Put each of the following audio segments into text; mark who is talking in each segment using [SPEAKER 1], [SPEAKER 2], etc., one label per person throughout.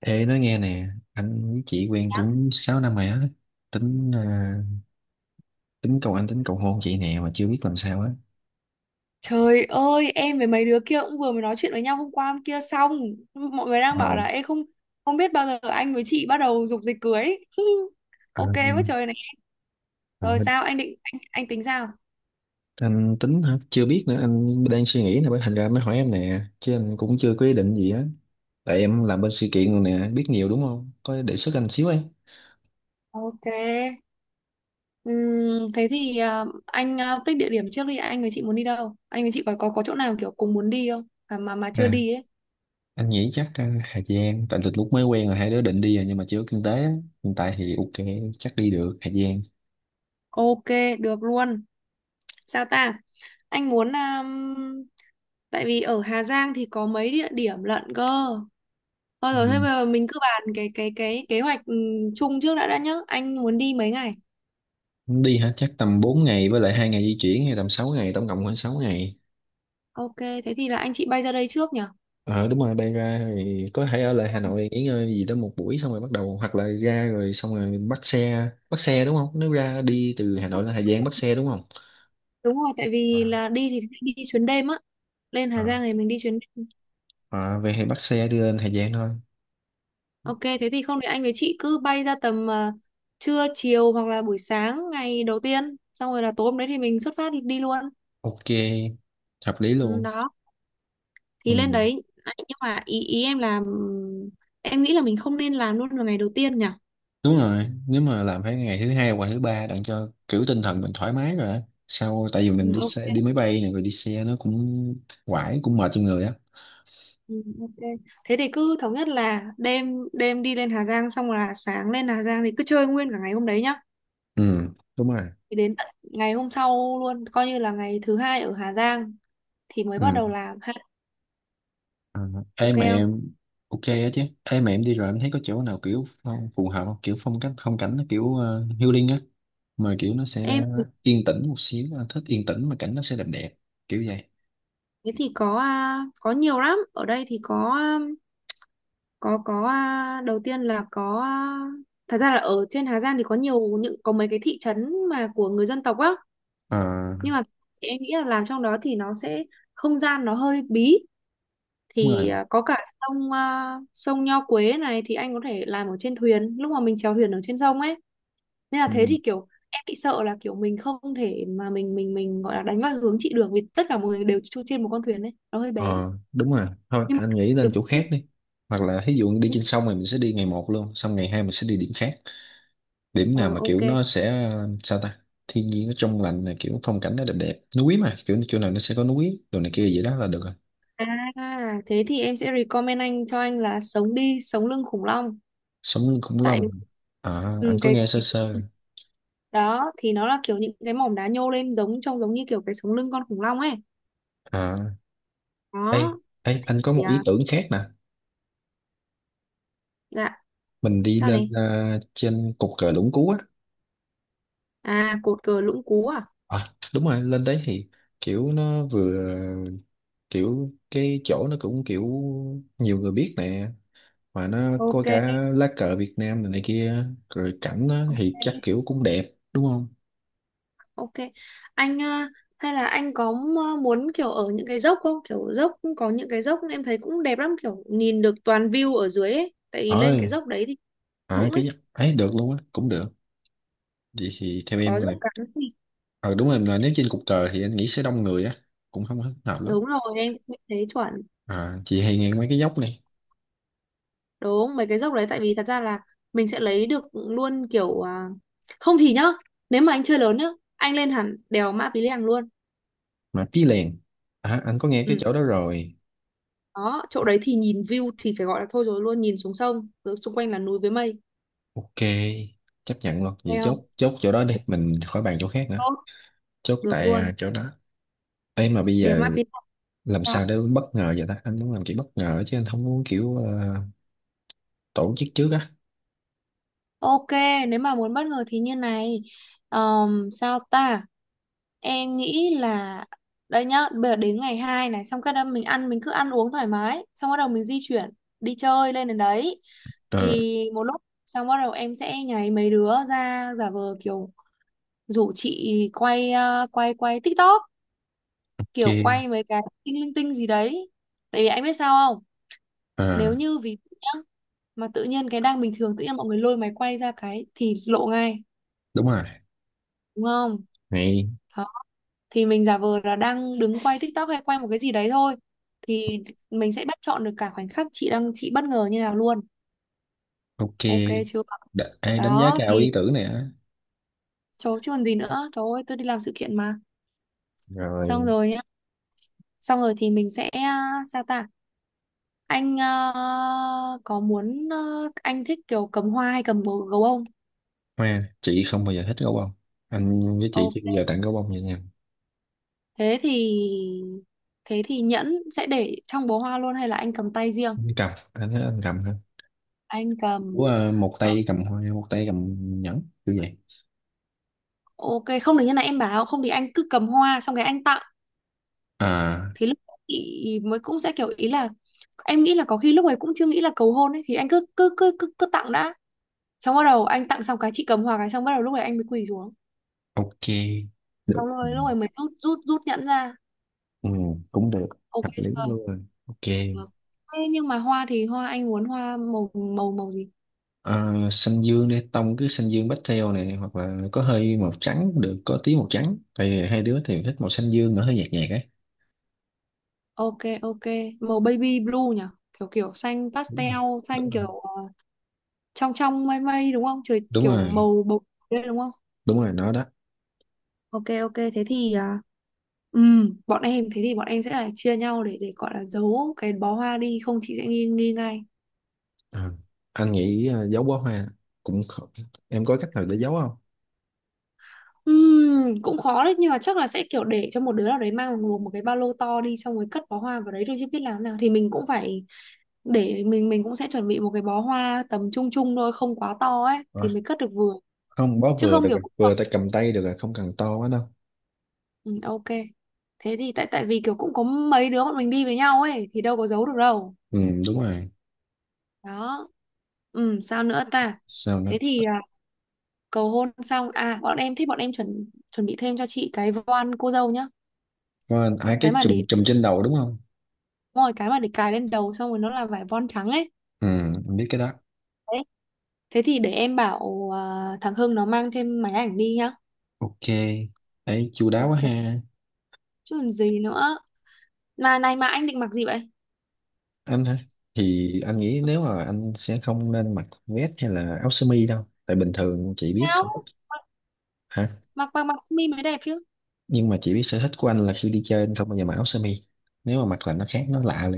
[SPEAKER 1] Ê nói nghe nè. Anh với chị quen cũng 6 năm rồi á. Tính tính cầu anh cầu hôn chị nè, mà chưa biết làm sao á.
[SPEAKER 2] Trời ơi, em với mấy đứa kia cũng vừa mới nói chuyện với nhau hôm qua hôm kia xong. Mọi người đang
[SPEAKER 1] Ờ,
[SPEAKER 2] bảo là em không không biết bao giờ anh với chị bắt đầu dục dịch cưới. Ok quá
[SPEAKER 1] anh,
[SPEAKER 2] trời này.
[SPEAKER 1] ờ,
[SPEAKER 2] Rồi sao anh định, anh tính sao?
[SPEAKER 1] anh tính hả? Chưa biết nữa, anh đang suy nghĩ nè, bởi thành ra mới hỏi em nè, chứ anh cũng chưa có ý định gì á. Tại em làm bên sự kiện rồi nè, biết nhiều đúng không? Có đề xuất anh xíu em.
[SPEAKER 2] Ok. Thế thì à, anh à, pick địa điểm trước đi, anh với chị muốn đi đâu? Anh với chị có chỗ nào kiểu cùng muốn đi không? À, mà chưa
[SPEAKER 1] À,
[SPEAKER 2] đi ấy.
[SPEAKER 1] Anh nghĩ chắc Hà Giang. Tại từ lúc mới quen là hai đứa định đi rồi, nhưng mà chưa có kinh tế á. Hiện tại thì ok, chắc đi được Hà Giang.
[SPEAKER 2] Ok, được luôn. Sao ta? Anh muốn tại vì ở Hà Giang thì có mấy địa điểm lận cơ. Thôi rồi, thế
[SPEAKER 1] Ừ.
[SPEAKER 2] bây giờ mình cứ bàn cái kế hoạch chung trước đã nhá. Anh muốn đi mấy ngày?
[SPEAKER 1] Đi hả? Chắc tầm 4 ngày với lại hai ngày di chuyển, hay tầm 6 ngày, tổng cộng khoảng 6 ngày.
[SPEAKER 2] Ok, thế thì là anh chị bay ra đây trước nhỉ?
[SPEAKER 1] Ờ đúng rồi, bay ra thì có thể ở lại Hà Nội nghỉ ngơi gì đó một buổi xong rồi bắt đầu, hoặc là ra rồi xong rồi bắt xe đúng không? Nếu ra đi từ Hà Nội lên Hà Giang bắt xe đúng không?
[SPEAKER 2] Đúng rồi, tại vì
[SPEAKER 1] À,
[SPEAKER 2] là đi thì sẽ đi chuyến đêm á. Lên Hà
[SPEAKER 1] à.
[SPEAKER 2] Giang thì mình đi chuyến đêm.
[SPEAKER 1] Ờ, về thì bắt xe đi lên Hà Giang thôi.
[SPEAKER 2] Ok, thế thì không thì anh với chị cứ bay ra tầm trưa chiều hoặc là buổi sáng ngày đầu tiên, xong rồi là tối hôm đấy thì mình xuất phát đi luôn.
[SPEAKER 1] Ok, hợp lý
[SPEAKER 2] Ừ,
[SPEAKER 1] luôn.
[SPEAKER 2] đó, thì lên
[SPEAKER 1] Ừ.
[SPEAKER 2] đấy. Đấy, nhưng mà ý ý em là em nghĩ là mình không nên làm luôn vào ngày đầu tiên nhỉ?
[SPEAKER 1] Đúng rồi, nếu mà làm phải ngày thứ hai hoặc thứ ba, đặng cho kiểu tinh thần mình thoải mái rồi á. Sau tại vì mình
[SPEAKER 2] Ừ,
[SPEAKER 1] đi
[SPEAKER 2] ok.
[SPEAKER 1] xe đi máy bay này rồi đi xe nó cũng quải, cũng mệt cho người á.
[SPEAKER 2] Ừ, ok. Thế thì cứ thống nhất là đêm đêm đi lên Hà Giang, xong rồi là sáng lên Hà Giang thì cứ chơi nguyên cả ngày hôm đấy nhá.
[SPEAKER 1] Ừ, đúng rồi.
[SPEAKER 2] Thì đến tận ngày hôm sau luôn, coi như là ngày thứ hai ở Hà Giang thì mới bắt
[SPEAKER 1] Ừ,
[SPEAKER 2] đầu làm ha.
[SPEAKER 1] ừ. Ê
[SPEAKER 2] Ok
[SPEAKER 1] mà
[SPEAKER 2] không?
[SPEAKER 1] em ok á chứ? Ê mà em đi rồi, em thấy có chỗ nào kiểu phù hợp không, kiểu phong cách phong cảnh nó kiểu healing á, mà kiểu nó
[SPEAKER 2] Em
[SPEAKER 1] sẽ yên tĩnh một xíu, anh thích yên tĩnh mà cảnh nó sẽ đẹp đẹp kiểu vậy.
[SPEAKER 2] thế thì có à, có nhiều lắm. Ở đây thì có à, có à, đầu tiên là có à, thật ra là ở trên Hà Giang thì có nhiều, những có mấy cái thị trấn mà của người dân tộc á.
[SPEAKER 1] Ờ,
[SPEAKER 2] Nhưng mà em nghĩ là làm trong đó thì nó sẽ không gian nó hơi bí,
[SPEAKER 1] đúng rồi.
[SPEAKER 2] thì à, có cả sông à, sông Nho Quế này thì anh có thể làm ở trên thuyền lúc mà mình chèo thuyền ở trên sông ấy, nên là thế
[SPEAKER 1] ừ,
[SPEAKER 2] thì kiểu em bị sợ là kiểu mình không thể mà mình gọi là đánh vào hướng chị được vì tất cả mọi người đều chui trên một con thuyền ấy nó hơi bé,
[SPEAKER 1] ờ, Đúng rồi, thôi
[SPEAKER 2] nhưng mà
[SPEAKER 1] anh nghĩ lên
[SPEAKER 2] được.
[SPEAKER 1] chỗ khác đi, hoặc là ví dụ đi trên sông thì mình sẽ đi ngày một luôn, xong ngày hai mình sẽ đi điểm khác. Điểm
[SPEAKER 2] Ờ,
[SPEAKER 1] nào mà
[SPEAKER 2] ok.
[SPEAKER 1] kiểu nó sẽ sao ta, thiên nhiên nó trong lành này, kiểu phong cảnh nó đẹp đẹp, núi, mà kiểu chỗ nào nó sẽ có núi đồ này kia vậy đó là được rồi.
[SPEAKER 2] À thế thì em sẽ recommend anh, cho anh là sống lưng khủng long,
[SPEAKER 1] Sống lưng khủng
[SPEAKER 2] tại
[SPEAKER 1] long à, anh
[SPEAKER 2] ừ,
[SPEAKER 1] có
[SPEAKER 2] cái
[SPEAKER 1] nghe sơ
[SPEAKER 2] cái-
[SPEAKER 1] sơ.
[SPEAKER 2] đó thì nó là kiểu những cái mỏm đá nhô lên, giống trông giống như kiểu cái sống lưng con khủng long ấy.
[SPEAKER 1] à ê,
[SPEAKER 2] Đó
[SPEAKER 1] Ê anh có
[SPEAKER 2] thì,
[SPEAKER 1] một ý
[SPEAKER 2] à,
[SPEAKER 1] tưởng khác nè,
[SPEAKER 2] dạ.
[SPEAKER 1] mình đi
[SPEAKER 2] Sao
[SPEAKER 1] lên
[SPEAKER 2] này?
[SPEAKER 1] trên cột cờ Lũng Cú á.
[SPEAKER 2] À, cột cờ Lũng Cú à?
[SPEAKER 1] À đúng rồi, lên đấy thì kiểu nó vừa, kiểu cái chỗ nó cũng kiểu nhiều người biết nè, mà nó có cả
[SPEAKER 2] Ok,
[SPEAKER 1] lá cờ Việt Nam này, này kia, rồi cảnh nó thì
[SPEAKER 2] ok,
[SPEAKER 1] chắc kiểu cũng đẹp đúng không?
[SPEAKER 2] ok, anh hay là anh có muốn kiểu ở những cái dốc không, kiểu dốc cũng có những cái dốc em thấy cũng đẹp lắm, kiểu nhìn được toàn view ở dưới ấy tại vì
[SPEAKER 1] Ờ.
[SPEAKER 2] lên cái dốc đấy thì
[SPEAKER 1] À,
[SPEAKER 2] lũng ấy
[SPEAKER 1] cái ấy được luôn á, cũng được. Vậy thì theo em
[SPEAKER 2] có dốc
[SPEAKER 1] rồi.
[SPEAKER 2] cắn thì
[SPEAKER 1] Ờ đúng rồi, là nếu trên cục cờ thì anh nghĩ sẽ đông người á, cũng không hết hợp lắm.
[SPEAKER 2] đúng rồi, em cũng thấy chuẩn,
[SPEAKER 1] À, chị hay nghe mấy cái dốc này,
[SPEAKER 2] đúng mấy cái dốc đấy tại vì thật ra là mình sẽ lấy được luôn, kiểu à, không thì nhá, nếu mà anh chơi lớn nhá, anh lên hẳn đèo Mã Pí Lèng luôn.
[SPEAKER 1] mà Pí lèn. À, anh có nghe cái
[SPEAKER 2] Ừ.
[SPEAKER 1] chỗ đó rồi.
[SPEAKER 2] Đó, chỗ đấy thì nhìn view thì phải gọi là thôi rồi luôn, nhìn xuống sông, rồi xung quanh là núi với mây.
[SPEAKER 1] Ok, chấp nhận luôn. Vậy
[SPEAKER 2] Nghe không?
[SPEAKER 1] chốt, chốt chỗ đó đi, mình khỏi bàn chỗ khác nữa.
[SPEAKER 2] Tốt,
[SPEAKER 1] Chốt
[SPEAKER 2] được
[SPEAKER 1] tại
[SPEAKER 2] luôn.
[SPEAKER 1] chỗ đó. Ê mà bây
[SPEAKER 2] Để mà
[SPEAKER 1] giờ
[SPEAKER 2] phía
[SPEAKER 1] làm sao
[SPEAKER 2] sau.
[SPEAKER 1] để bất ngờ vậy ta? Anh muốn làm kiểu bất ngờ chứ anh không muốn kiểu tổ chức trước á.
[SPEAKER 2] Ok, nếu mà muốn bất ngờ thì như này. Sao ta? Em nghĩ là đây nhá, bây giờ đến ngày 2 này xong cái đó mình ăn, mình cứ ăn uống thoải mái, xong bắt đầu mình di chuyển đi chơi lên đến đấy.
[SPEAKER 1] Ờ,
[SPEAKER 2] Thì một lúc xong bắt đầu em sẽ nháy mấy đứa ra giả vờ kiểu rủ chị quay quay quay TikTok, kiểu
[SPEAKER 1] ok.
[SPEAKER 2] quay mấy cái tinh linh tinh gì đấy, tại vì anh biết sao không, nếu
[SPEAKER 1] À,
[SPEAKER 2] như ví dụ nhá, mà tự nhiên cái đang bình thường tự nhiên mọi người lôi máy quay ra cái thì lộ ngay,
[SPEAKER 1] đúng rồi.
[SPEAKER 2] đúng không?
[SPEAKER 1] Này,
[SPEAKER 2] Đó. Thì mình giả vờ là đang đứng quay TikTok hay quay một cái gì đấy thôi, thì mình sẽ bắt chọn được cả khoảnh khắc chị đang, chị bất ngờ như nào luôn.
[SPEAKER 1] ok.
[SPEAKER 2] Ok chưa?
[SPEAKER 1] Đánh giá
[SPEAKER 2] Đó
[SPEAKER 1] cao
[SPEAKER 2] thì,
[SPEAKER 1] ý tưởng này á.
[SPEAKER 2] chỗ chứ còn gì nữa, trời ơi tôi đi làm sự kiện mà. Xong
[SPEAKER 1] Rồi.
[SPEAKER 2] rồi nhá. Xong rồi thì mình sẽ, à, sao ta, anh à, có muốn à, anh thích kiểu cầm hoa hay cầm gấu gấu không?
[SPEAKER 1] Hoa, chị không bao giờ thích gấu bông, anh với chị
[SPEAKER 2] Ồ,
[SPEAKER 1] chưa bao giờ tặng gấu bông vậy nha.
[SPEAKER 2] thế thì thế thì nhẫn sẽ để trong bó hoa luôn hay là anh cầm tay riêng?
[SPEAKER 1] Anh cầm, anh thấy anh cầm ha.
[SPEAKER 2] Anh cầm.
[SPEAKER 1] Ủa, ờ, một
[SPEAKER 2] Ờ,
[SPEAKER 1] tay cầm hoa một tay cầm nhẫn kiểu vậy.
[SPEAKER 2] ok, không được như này em bảo, không thì anh cứ cầm hoa xong cái anh tặng
[SPEAKER 1] À,
[SPEAKER 2] thì lúc ấy chị mới cũng sẽ kiểu ý là, em nghĩ là có khi lúc ấy cũng chưa nghĩ là cầu hôn ấy, thì anh cứ cứ cứ cứ, cứ tặng đã, xong bắt đầu anh tặng xong cái chị cầm hoa cái xong bắt đầu lúc ấy anh mới quỳ xuống,
[SPEAKER 1] ok
[SPEAKER 2] xong
[SPEAKER 1] được. Ừ,
[SPEAKER 2] rồi lúc ấy mới rút rút rút nhẫn ra.
[SPEAKER 1] ừ, cũng được.
[SPEAKER 2] Ok
[SPEAKER 1] Hợp lý
[SPEAKER 2] chưa?
[SPEAKER 1] luôn, ok.
[SPEAKER 2] Được. Thế nhưng mà hoa thì hoa anh muốn hoa màu màu màu gì?
[SPEAKER 1] Xanh dương đi, tông cứ xanh dương pastel này, hoặc là có hơi màu trắng cũng được, có tí màu trắng, tại vì hai đứa thì thích màu xanh dương nó hơi nhạt nhạt ấy.
[SPEAKER 2] Ok, ok, màu baby blue nhỉ, kiểu kiểu xanh
[SPEAKER 1] Đúng rồi.
[SPEAKER 2] pastel,
[SPEAKER 1] Đúng
[SPEAKER 2] xanh
[SPEAKER 1] rồi.
[SPEAKER 2] kiểu trong trong mây mây đúng không, trời
[SPEAKER 1] Đúng
[SPEAKER 2] kiểu
[SPEAKER 1] rồi.
[SPEAKER 2] màu bầu đây đúng không?
[SPEAKER 1] Đúng rồi nó đó.
[SPEAKER 2] Ok, ok, thế thì à, bọn em thế thì bọn em sẽ là chia nhau để gọi là giấu cái bó hoa đi, không chị sẽ nghi nghi ngay.
[SPEAKER 1] À, anh nghĩ giấu bó hoa cũng không. Em có cách nào để giấu không?
[SPEAKER 2] Cũng khó đấy, nhưng mà chắc là sẽ kiểu để cho một đứa nào đấy mang một cái ba lô to đi xong rồi cất bó hoa vào đấy thôi, chứ biết làm thế nào thì mình cũng phải để, mình cũng sẽ chuẩn bị một cái bó hoa tầm trung trung thôi, không quá to ấy
[SPEAKER 1] Ờ,
[SPEAKER 2] thì mới cất được vừa
[SPEAKER 1] không, bó
[SPEAKER 2] chứ
[SPEAKER 1] vừa
[SPEAKER 2] không
[SPEAKER 1] được
[SPEAKER 2] kiểu.
[SPEAKER 1] rồi, vừa tay cầm tay được rồi, không cần to quá đâu.
[SPEAKER 2] Ừ, ok. Thế thì tại tại vì kiểu cũng có mấy đứa bọn mình đi với nhau ấy thì đâu có giấu được đâu.
[SPEAKER 1] Ừ, đúng rồi.
[SPEAKER 2] Đó. Ừ, sao nữa ta?
[SPEAKER 1] Sao nữa?
[SPEAKER 2] Thế thì à, cầu hôn xong à, bọn em thích, bọn em chuẩn chuẩn bị thêm cho chị cái voan cô dâu nhá.
[SPEAKER 1] Có ai
[SPEAKER 2] Cái
[SPEAKER 1] cái
[SPEAKER 2] mà
[SPEAKER 1] chùm
[SPEAKER 2] để,
[SPEAKER 1] chùm trên đầu đúng không?
[SPEAKER 2] đúng rồi cái mà để cài lên đầu xong rồi nó là vải voan trắng ấy.
[SPEAKER 1] Ừ, em biết cái đó.
[SPEAKER 2] Đấy. Thế thì để em bảo à, thằng Hưng nó mang thêm máy ảnh đi nhá.
[SPEAKER 1] Ok. Ấy chu đáo quá
[SPEAKER 2] Ok.
[SPEAKER 1] ha.
[SPEAKER 2] Chứ còn gì nữa. Mà này, mà anh định mặc gì vậy?
[SPEAKER 1] Anh hả? Thì anh nghĩ nếu mà anh sẽ không nên mặc vest hay là áo sơ mi đâu. Tại bình thường chị biết sở thích.
[SPEAKER 2] Sao?
[SPEAKER 1] Hả?
[SPEAKER 2] Mặc mặc mặc sơ mi mới đẹp chứ.
[SPEAKER 1] Nhưng mà chị biết sở thích của anh là khi đi chơi anh không bao giờ mặc áo sơ mi. Nếu mà mặc là nó khác, nó lạ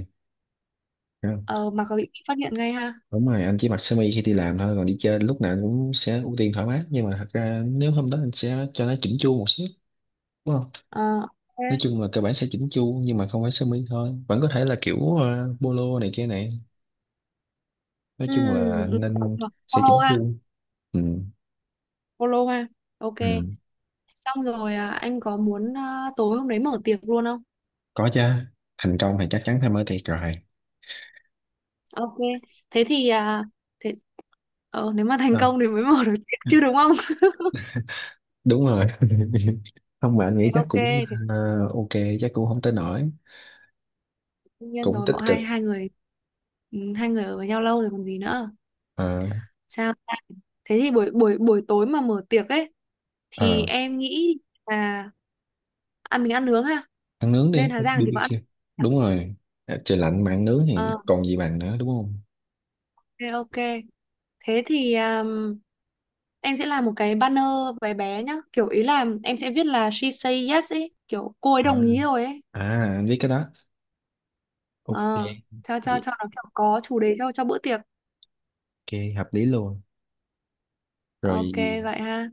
[SPEAKER 1] liền.
[SPEAKER 2] Ờ, mặc có bị phát hiện ngay ha.
[SPEAKER 1] Đúng rồi, anh chỉ mặc sơ mi khi đi làm thôi, còn đi chơi lúc nào anh cũng sẽ ưu tiên thoải mái, nhưng mà thật ra nếu hôm đó anh sẽ cho nó chỉnh chu một xíu đúng không?
[SPEAKER 2] Ờ,
[SPEAKER 1] Nói
[SPEAKER 2] ok.
[SPEAKER 1] chung là cơ bản sẽ chỉnh chu, nhưng mà không phải sơ mi thôi, vẫn có thể là kiểu polo này kia này, nói
[SPEAKER 2] Ừ,
[SPEAKER 1] chung là
[SPEAKER 2] ừ,
[SPEAKER 1] nên sẽ
[SPEAKER 2] Polo
[SPEAKER 1] chỉnh
[SPEAKER 2] ha,
[SPEAKER 1] chu. Ừ,
[SPEAKER 2] Polo ha. Ok.
[SPEAKER 1] ừ.
[SPEAKER 2] Xong rồi à, anh có muốn à, tối hôm đấy mở tiệc luôn không?
[SPEAKER 1] Có chứ, thành công thì chắc chắn phải mới thiệt rồi.
[SPEAKER 2] Ok. Thế thì à, thế nếu mà thành
[SPEAKER 1] à,
[SPEAKER 2] công thì mới mở được tiệc chứ đúng không?
[SPEAKER 1] Đúng rồi không, mà anh nghĩ
[SPEAKER 2] Thế
[SPEAKER 1] chắc
[SPEAKER 2] ok,
[SPEAKER 1] cũng
[SPEAKER 2] thế
[SPEAKER 1] ờ, ok, chắc cũng không tới nổi,
[SPEAKER 2] đương nhiên
[SPEAKER 1] cũng
[SPEAKER 2] rồi,
[SPEAKER 1] tích
[SPEAKER 2] bọn
[SPEAKER 1] cực.
[SPEAKER 2] hai hai người hai người ở với nhau lâu rồi còn gì nữa.
[SPEAKER 1] Ờ,
[SPEAKER 2] Sao ta? Thế thì buổi buổi buổi tối mà mở tiệc ấy thì
[SPEAKER 1] ờ.
[SPEAKER 2] em nghĩ là ăn, mình ăn nướng ha.
[SPEAKER 1] Ăn nướng
[SPEAKER 2] Lên
[SPEAKER 1] đi
[SPEAKER 2] Hà Giang thì có ăn.
[SPEAKER 1] BBQ. Đúng rồi. À, trời lạnh mà ăn nướng thì
[SPEAKER 2] Ờ,
[SPEAKER 1] còn gì bằng nữa đúng không?
[SPEAKER 2] ok, ok. Thế thì em sẽ làm một cái banner bé bé nhá. Kiểu ý là em sẽ viết là she say yes ấy. Kiểu cô ấy
[SPEAKER 1] À,
[SPEAKER 2] đồng ý rồi ấy.
[SPEAKER 1] à anh biết cái đó. Ok.
[SPEAKER 2] Ờ, cho, cho,
[SPEAKER 1] Vậy.
[SPEAKER 2] cho nó kiểu có chủ đề, cho bữa tiệc.
[SPEAKER 1] Ok hợp lý luôn.
[SPEAKER 2] Ok,
[SPEAKER 1] Rồi
[SPEAKER 2] vậy ha.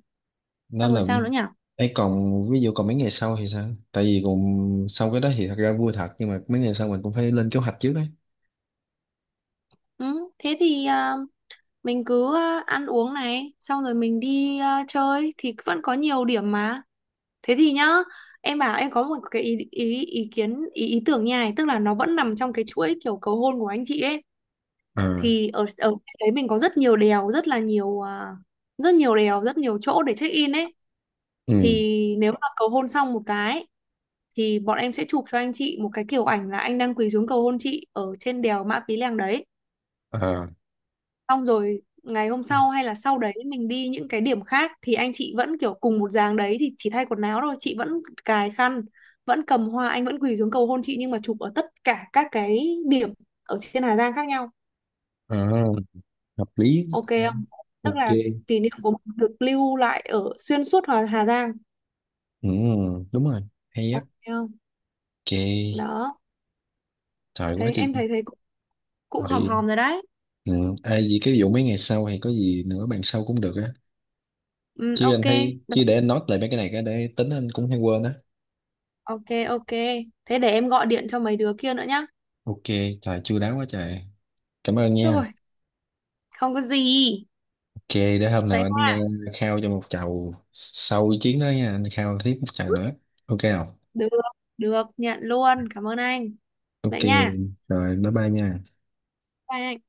[SPEAKER 1] nó
[SPEAKER 2] Xong
[SPEAKER 1] là.
[SPEAKER 2] rồi sao nữa nhỉ?
[SPEAKER 1] Ấy còn ví dụ còn mấy ngày sau thì sao, tại vì cùng sau cái đó thì thật ra vui thật, nhưng mà mấy ngày sau mình cũng phải lên kế hoạch trước đấy.
[SPEAKER 2] Ừ, thế thì mình cứ ăn uống này. Xong rồi mình đi chơi. Thì vẫn có nhiều điểm mà. Thế thì nhá. Em bảo em có một cái ý kiến, ý tưởng nha. Này, tức là nó vẫn nằm trong cái chuỗi kiểu cầu hôn của anh chị ấy.
[SPEAKER 1] À,
[SPEAKER 2] Thì ở ở đấy mình có rất nhiều đèo, rất là nhiều à, rất nhiều đèo rất nhiều chỗ để check in ấy.
[SPEAKER 1] ừ.
[SPEAKER 2] Thì nếu mà cầu hôn xong một cái thì bọn em sẽ chụp cho anh chị một cái kiểu ảnh là anh đang quỳ xuống cầu hôn chị ở trên đèo Mã Pí Lèng đấy.
[SPEAKER 1] à,
[SPEAKER 2] Xong rồi ngày hôm sau hay là sau đấy mình đi những cái điểm khác thì anh chị vẫn kiểu cùng một dáng đấy thì chỉ thay quần áo thôi, chị vẫn cài khăn, vẫn cầm hoa, anh vẫn quỳ xuống cầu hôn chị, nhưng mà chụp ở tất cả các cái điểm ở trên Hà Giang khác nhau.
[SPEAKER 1] À, hợp lý,
[SPEAKER 2] Ok không? Tức
[SPEAKER 1] ok.
[SPEAKER 2] là kỷ niệm của mình được lưu lại ở xuyên suốt Hà Giang.
[SPEAKER 1] Ừ, đúng rồi, hay á.
[SPEAKER 2] Ok không?
[SPEAKER 1] Ok.
[SPEAKER 2] Đó.
[SPEAKER 1] Trời quá
[SPEAKER 2] Thấy
[SPEAKER 1] chị.
[SPEAKER 2] em thấy thấy cũng hòm
[SPEAKER 1] Rồi.
[SPEAKER 2] hòm rồi đấy.
[SPEAKER 1] Ừ. Ai gì cái vụ mấy ngày sau hay có gì nữa bàn sau cũng được á,
[SPEAKER 2] Ừ,
[SPEAKER 1] chứ
[SPEAKER 2] ok.
[SPEAKER 1] anh thấy,
[SPEAKER 2] Được,
[SPEAKER 1] chứ để anh note lại mấy cái này cái để tính, anh cũng hay quên á.
[SPEAKER 2] ok, ok, thế để em gọi điện cho mấy đứa kia nữa nhá.
[SPEAKER 1] Ok. Trời chu đáo quá trời, cảm ơn
[SPEAKER 2] Trời,
[SPEAKER 1] nha.
[SPEAKER 2] không có gì.
[SPEAKER 1] Ok, để hôm nào
[SPEAKER 2] Vậy.
[SPEAKER 1] anh khao cho một chầu, sau chiến đó nha, anh khao tiếp một chầu nữa, ok không?
[SPEAKER 2] Được được nhận luôn, cảm ơn anh.
[SPEAKER 1] Ok
[SPEAKER 2] Vậy nha.
[SPEAKER 1] rồi, bye bye nha.
[SPEAKER 2] Bye anh.